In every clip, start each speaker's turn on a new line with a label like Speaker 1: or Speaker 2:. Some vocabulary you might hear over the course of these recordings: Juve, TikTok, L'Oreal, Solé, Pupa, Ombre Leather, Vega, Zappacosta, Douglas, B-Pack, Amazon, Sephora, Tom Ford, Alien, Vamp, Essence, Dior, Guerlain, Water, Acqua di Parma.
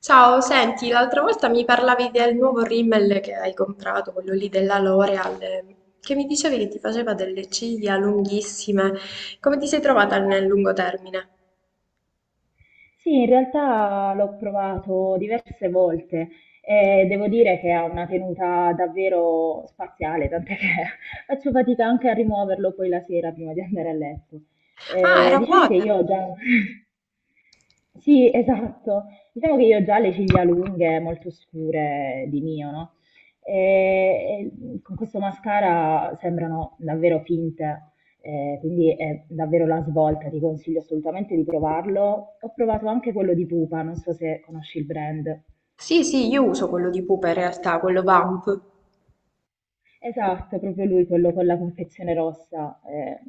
Speaker 1: Ciao, senti, l'altra volta mi parlavi del nuovo rimmel che hai comprato, quello lì della L'Oreal, che mi dicevi che ti faceva delle ciglia lunghissime. Come ti sei trovata nel lungo termine?
Speaker 2: Sì, in realtà l'ho provato diverse volte e devo dire che ha una tenuta davvero spaziale, tant'è che faccio fatica anche a rimuoverlo poi la sera prima di andare a letto.
Speaker 1: Ah, era
Speaker 2: Diciamo che
Speaker 1: Water.
Speaker 2: io ho già... Sì, esatto. Diciamo che io ho già le ciglia lunghe, molto scure di mio, no? E, e con questo mascara sembrano davvero finte. Quindi è davvero la svolta, ti consiglio assolutamente di provarlo. Ho provato anche quello di Pupa, non so se conosci il brand.
Speaker 1: Sì, sì, io uso quello di Pupa in realtà, quello Vamp.
Speaker 2: Esatto, proprio lui, quello con la confezione rossa,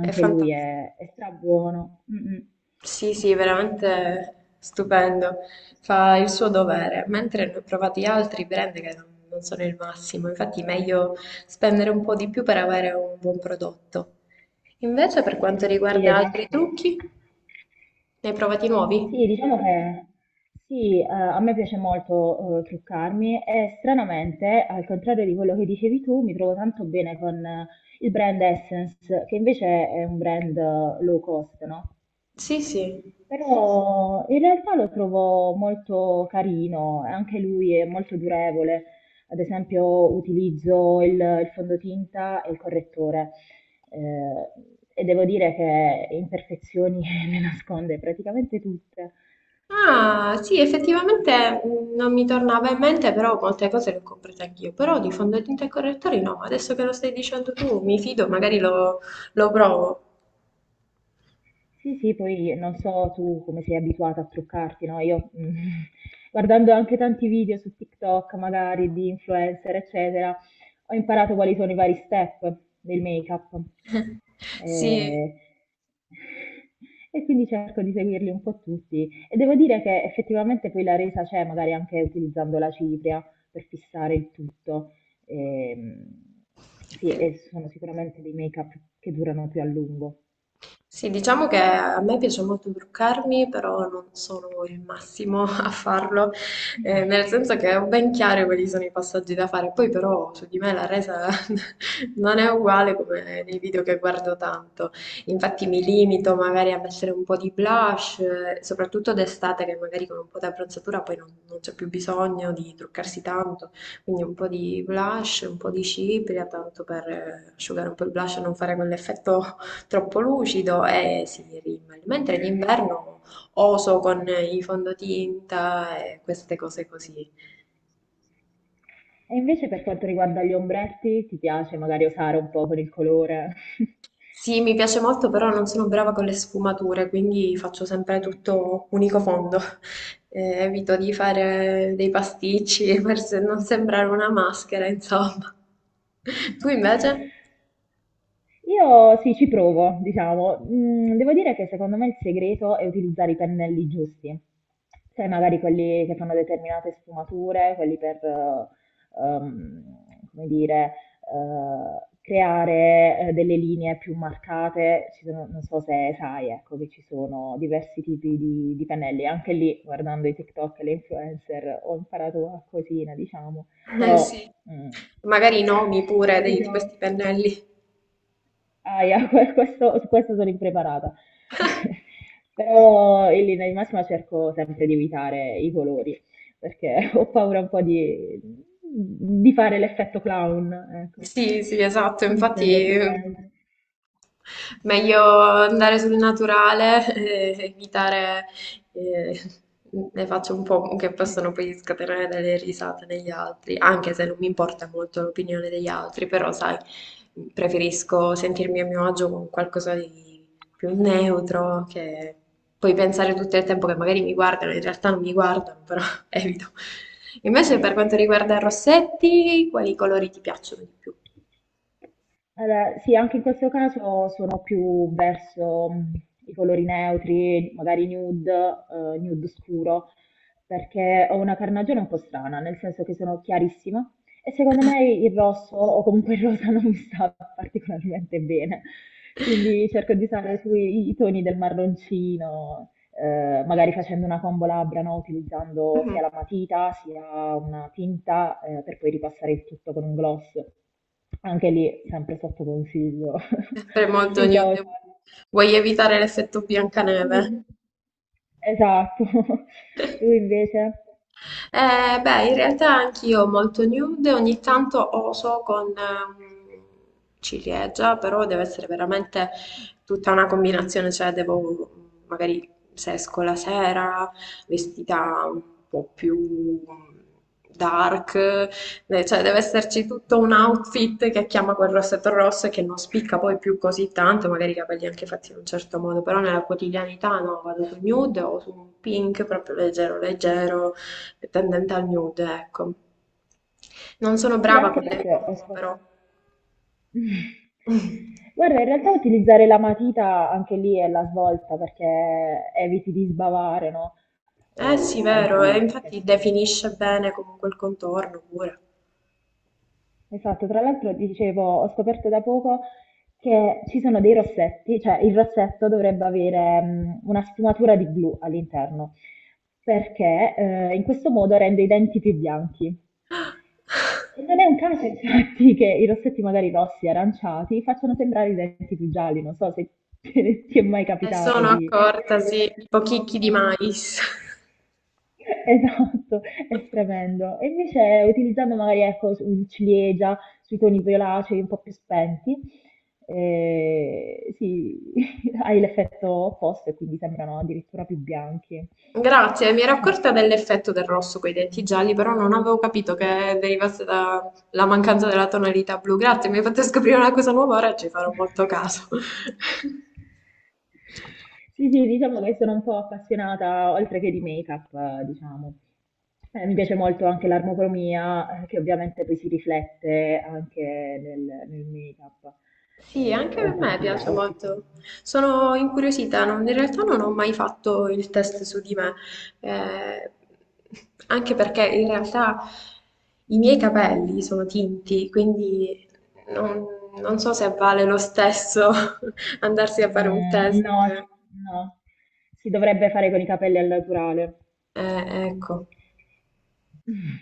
Speaker 1: È
Speaker 2: lui
Speaker 1: fantastico.
Speaker 2: è, è strabuono. Mm, mm.
Speaker 1: Sì, sì, veramente stupendo. Fa il suo dovere, mentre ne ho provati altri brand che non sono il massimo. Infatti, meglio spendere un po' di più per avere un buon prodotto. Invece per quanto
Speaker 2: Sì,
Speaker 1: riguarda altri
Speaker 2: esatto.
Speaker 1: trucchi, ne hai provati nuovi?
Speaker 2: Sì, diciamo che sì, a me piace molto truccarmi e stranamente, al contrario di quello che dicevi tu, mi trovo tanto bene con il brand Essence, che invece è un brand low cost, no?
Speaker 1: Sì, sì.
Speaker 2: Però in realtà lo trovo molto carino, anche lui è molto durevole. Ad esempio, utilizzo il fondotinta e il correttore. Eh, e devo dire che imperfezioni me ne nasconde praticamente tutte.
Speaker 1: Ah, sì, effettivamente non mi tornava in mente, però molte cose le ho comprate anch'io. Però di fondotinta e correttori no, adesso che lo stai dicendo tu, mi fido, magari lo provo.
Speaker 2: Sì, sì, poi non so tu come sei abituata a truccarti, no? Io mm, guardando anche tanti video su TikTok, magari di influencer, eccetera, ho imparato quali sono i vari step del make-up.
Speaker 1: Sì,
Speaker 2: Eh, e quindi cerco di seguirli un po' tutti. E devo dire che effettivamente poi la resa c'è, magari anche utilizzando la cipria per fissare il tutto. Ehm, sì,
Speaker 1: Eh,
Speaker 2: e sono sicuramente dei make-up che durano più a lungo.
Speaker 1: Sì, diciamo che a me piace molto truccarmi, però non sono il massimo a farlo,
Speaker 2: Eh.
Speaker 1: nel senso che ho ben chiaro quali sono i passaggi da fare. Poi però su di me la resa non è uguale come nei video che guardo tanto. Infatti mi limito magari a mettere un po' di blush, soprattutto d'estate che magari con un po' di abbronzatura poi non c'è più bisogno di truccarsi tanto. Quindi un po' di blush, un po' di cipria, tanto per asciugare un po' il blush e non fare quell'effetto troppo lucido e si rimane, mentre d'inverno oso con i fondotinta e queste cose così.
Speaker 2: E invece per quanto riguarda gli ombretti, ti piace magari osare un po' con il colore?
Speaker 1: Sì, mi piace molto, però non sono brava con le sfumature, quindi faccio sempre
Speaker 2: Mm.
Speaker 1: tutto unico fondo. Evito di fare dei pasticci per se- non sembrare una maschera, insomma. Tu invece?
Speaker 2: Io sì, ci provo, diciamo. Mhmm, devo dire che secondo me il segreto è utilizzare i pennelli giusti. Sai magari quelli che fanno determinate sfumature, quelli per, uhm, come dire, creare, delle linee più marcate. Ci sono, non so se sai, ecco, che ci sono diversi tipi di pennelli. Anche lì guardando i TikTok e le influencer ho imparato qualcosina, diciamo,
Speaker 1: Eh
Speaker 2: però,
Speaker 1: sì,
Speaker 2: mhmm,
Speaker 1: magari i nomi pure di
Speaker 2: evito.
Speaker 1: questi pennelli.
Speaker 2: Aia, questo, su questo sono impreparata. Però in linea di massima cerco sempre di evitare i colori, perché ho paura un po' di fare l'effetto clown, ecco.
Speaker 1: Sì, sì, esatto,
Speaker 2: Quindi mi
Speaker 1: infatti
Speaker 2: tengo sul...
Speaker 1: eh,
Speaker 2: lento.
Speaker 1: meglio andare sul naturale e evitare eh, le facce un po' che possono poi scatenare delle risate negli altri, anche se non mi importa molto l'opinione degli altri, però sai, preferisco sentirmi a mio agio con qualcosa di più neutro che poi pensare tutto il tempo che magari mi guardano, in realtà non mi guardano, evito. Invece per quanto riguarda i rossetti, quali colori ti piacciono di più?
Speaker 2: Allora, sì, anche in questo caso sono più verso i colori neutri, magari nude, nude scuro, perché ho una carnagione un po' strana, nel senso che sono chiarissima e secondo me il rosso o comunque il rosa non mi sta particolarmente bene. Quindi cerco di usare i toni del marroncino, magari facendo una combo labbra, no? Utilizzando
Speaker 1: Mhm.
Speaker 2: sia la matita sia una tinta, per poi ripassare il tutto con un gloss. Anche lì, sempre sotto consiglio
Speaker 1: Sempre molto
Speaker 2: dei social.
Speaker 1: nude. Vuoi evitare l'effetto Biancaneve?
Speaker 2: Esatto. Tu invece?
Speaker 1: Beh, in realtà anch'io molto nude, ogni tanto oso con ciliegia, però deve essere veramente tutta una combinazione, cioè devo magari se esco la sera vestita un po' più dark, cioè deve esserci tutto un outfit che chiama quel rossetto rosso e che non spicca poi più così tanto, magari i capelli anche fatti in un certo modo, però nella quotidianità no, vado su nude o su un pink proprio leggero leggero è tendente al nude, ecco. Non sono
Speaker 2: Sì,
Speaker 1: brava con
Speaker 2: anche
Speaker 1: le
Speaker 2: perché ho
Speaker 1: combo, però.
Speaker 2: guarda, in realtà utilizzare la matita anche lì è la svolta perché eviti di sbavare, no?
Speaker 1: Eh sì,
Speaker 2: Anche
Speaker 1: vero, e
Speaker 2: lì,
Speaker 1: infatti
Speaker 2: effetto
Speaker 1: definisce bene comunque il contorno pure.
Speaker 2: esatto, tra l'altro dicevo, ho scoperto da poco che ci sono dei rossetti, cioè il rossetto dovrebbe avere una sfumatura di blu all'interno, perché in questo modo rende i denti più bianchi. E non è un caso, infatti, che i rossetti magari rossi, aranciati, facciano sembrare i denti più gialli, non so se ti è mai
Speaker 1: E
Speaker 2: capitato
Speaker 1: sono
Speaker 2: di io
Speaker 1: accorta,
Speaker 2: avevo questa
Speaker 1: sì, tipo chicchi di
Speaker 2: sensazione.
Speaker 1: mais.
Speaker 2: Esatto, è tremendo. E invece utilizzando magari ecco, il ciliegia sui toni violacei un po' più spenti, sì, hai l'effetto opposto e quindi sembrano addirittura più bianchi.
Speaker 1: Grazie, mi ero accorta dell'effetto del rosso con i denti gialli, però non avevo capito che derivasse dalla mancanza della tonalità blu. Grazie, mi hai fatto scoprire una cosa nuova, ora ci farò molto caso.
Speaker 2: Sì, sì, diciamo che sono un po' appassionata oltre che di make-up, diciamo. Mi piace molto anche l'armocromia, che ovviamente poi si riflette anche nel, nel make-up,
Speaker 1: Sì, anche a
Speaker 2: oltre che
Speaker 1: me
Speaker 2: sugli
Speaker 1: piace
Speaker 2: outfit.
Speaker 1: molto. Sono incuriosita, in realtà non ho mai fatto il test su di me, eh, anche perché in realtà i miei capelli sono tinti, quindi non, non so se vale lo stesso andarsi a fare un
Speaker 2: Mm,
Speaker 1: test.
Speaker 2: no, no, si dovrebbe fare con i capelli al naturale.
Speaker 1: Ecco.
Speaker 2: Mh.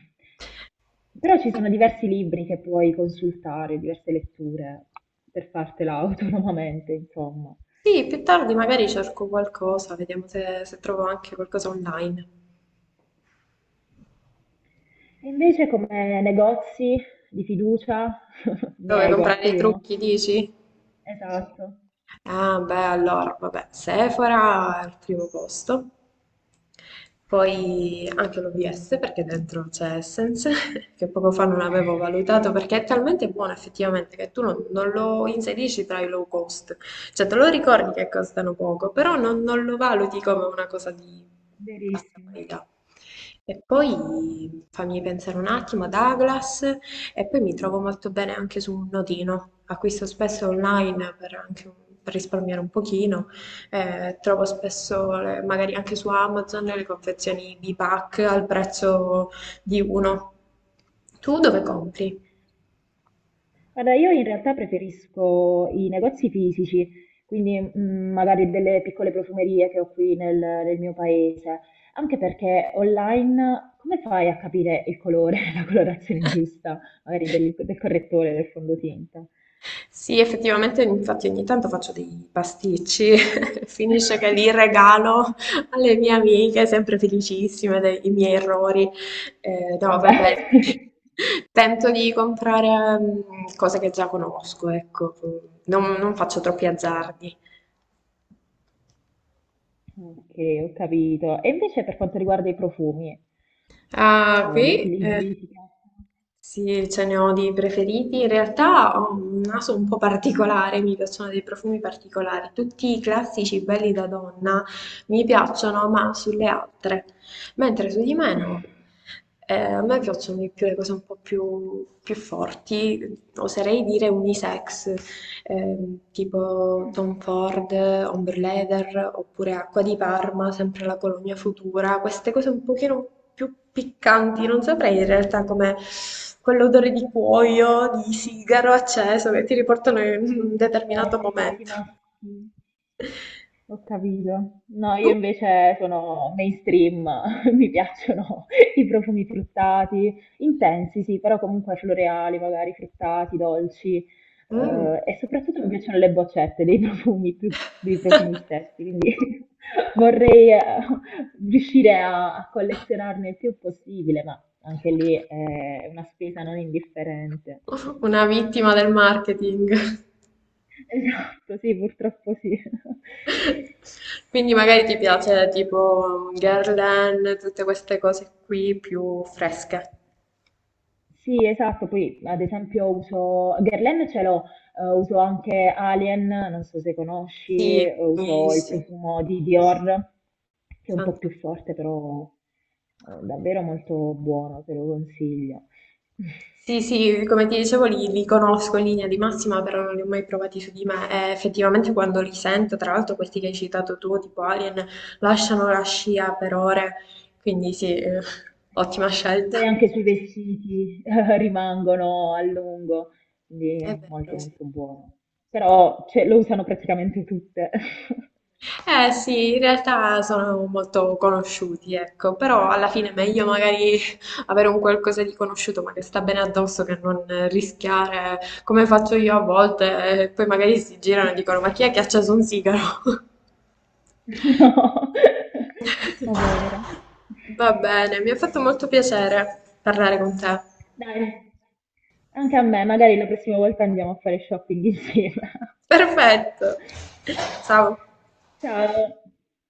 Speaker 2: Però ci sono diversi libri che puoi consultare, diverse letture per fartela autonomamente, insomma.
Speaker 1: Sì, più tardi magari cerco qualcosa, vediamo se trovo anche qualcosa online.
Speaker 2: E invece come negozi di fiducia ne
Speaker 1: Dove
Speaker 2: hai
Speaker 1: comprare i
Speaker 2: qualcuno?
Speaker 1: trucchi, dici?
Speaker 2: Sì. Esatto.
Speaker 1: Ah, beh, allora, vabbè, Sephora al primo posto,
Speaker 2: Mh-mh.
Speaker 1: poi anche l'OVS perché dentro c'è Essence, che poco fa non avevo valutato perché è talmente buono effettivamente che tu non lo inserisci tra i low cost, cioè te lo ricordi che costano poco, però non lo valuti come una cosa di bassa
Speaker 2: Verissimo.
Speaker 1: qualità. E poi fammi pensare un attimo, Douglas, e poi mi trovo molto bene anche su un nodino. Acquisto spesso online per risparmiare un pochino. Trovo spesso, magari anche su Amazon, le confezioni B-Pack al prezzo di uno. Tu dove compri?
Speaker 2: Guarda, io in realtà preferisco i negozi fisici, quindi mm, magari delle piccole profumerie che ho qui nel mio paese, anche perché online come fai a capire il colore, la colorazione giusta, magari del correttore, del fondotinta?
Speaker 1: Sì, effettivamente, infatti ogni tanto faccio dei pasticci, finisce che li regalo alle mie amiche, sempre felicissime dei miei errori.
Speaker 2: Eh
Speaker 1: No, vabbè,
Speaker 2: beh.
Speaker 1: tento di comprare cose che già conosco, ecco, non faccio troppi azzardi.
Speaker 2: Ok, ho capito. E invece per quanto riguarda i profumi,
Speaker 1: Ah,
Speaker 2: li
Speaker 1: qui? Eh.
Speaker 2: utilizzi? Ti piacciono?
Speaker 1: Sì, ce ne ho di preferiti. In realtà ho un naso un po' particolare, mi piacciono dei profumi particolari. Tutti i classici belli da donna mi piacciono, ma sulle altre, mentre su di me no. A me piacciono di più le cose un po' più forti, oserei dire unisex, tipo Tom Ford, Ombre Leather, oppure Acqua di Parma, sempre la colonia futura, queste cose un pochino più piccanti, non saprei in realtà come quell'odore di cuoio, di sigaro acceso che ti riportano in
Speaker 2: Sì,
Speaker 1: un
Speaker 2: più
Speaker 1: determinato
Speaker 2: forti, quasi
Speaker 1: momento.
Speaker 2: maschi. Ho capito. No, io
Speaker 1: Tu?
Speaker 2: invece sono mainstream, mi piacciono i profumi fruttati, intensi, sì, però comunque floreali, magari fruttati, dolci,
Speaker 1: Mm.
Speaker 2: e soprattutto mi piacciono le boccette dei profumi, più dei profumi stessi, quindi vorrei riuscire a collezionarne il più possibile, ma anche lì è una spesa non indifferente.
Speaker 1: Una vittima del marketing.
Speaker 2: Esatto, sì, purtroppo sì.
Speaker 1: Quindi magari ti piace tipo Guerlain, tutte queste cose qui più fresche.
Speaker 2: Sì, esatto, poi ad esempio uso Guerlain ce l'ho, uso anche Alien, non so se conosci,
Speaker 1: Sì,
Speaker 2: uso il
Speaker 1: buonissime.
Speaker 2: profumo di Dior, che è un po' più
Speaker 1: Fanta-
Speaker 2: forte, però davvero molto buono, te lo consiglio.
Speaker 1: Sì, sì, come ti dicevo li conosco in linea di massima, però non li ho mai provati su di me e effettivamente quando li sento, tra l'altro questi che hai citato tu, tipo Alien, lasciano la scia per ore, quindi sì, ottima
Speaker 2: Esatto.
Speaker 1: scelta.
Speaker 2: Poi anche sui vestiti rimangono a lungo, quindi
Speaker 1: È
Speaker 2: è molto
Speaker 1: vero, sì.
Speaker 2: molto buono. Però cioè, lo usano praticamente tutte.
Speaker 1: Eh sì, in realtà sono molto conosciuti, ecco, però alla fine è meglio magari avere un qualcosa di conosciuto ma che sta bene addosso che non rischiare, come faccio io a volte, e poi magari si girano e dicono ma chi è che ha acceso un sigaro?
Speaker 2: No, ma povera.
Speaker 1: Va bene, mi ha fatto molto piacere parlare con te.
Speaker 2: Dai, anche a me, magari la prossima volta andiamo a fare shopping insieme.
Speaker 1: Perfetto. Ciao.
Speaker 2: Ciao.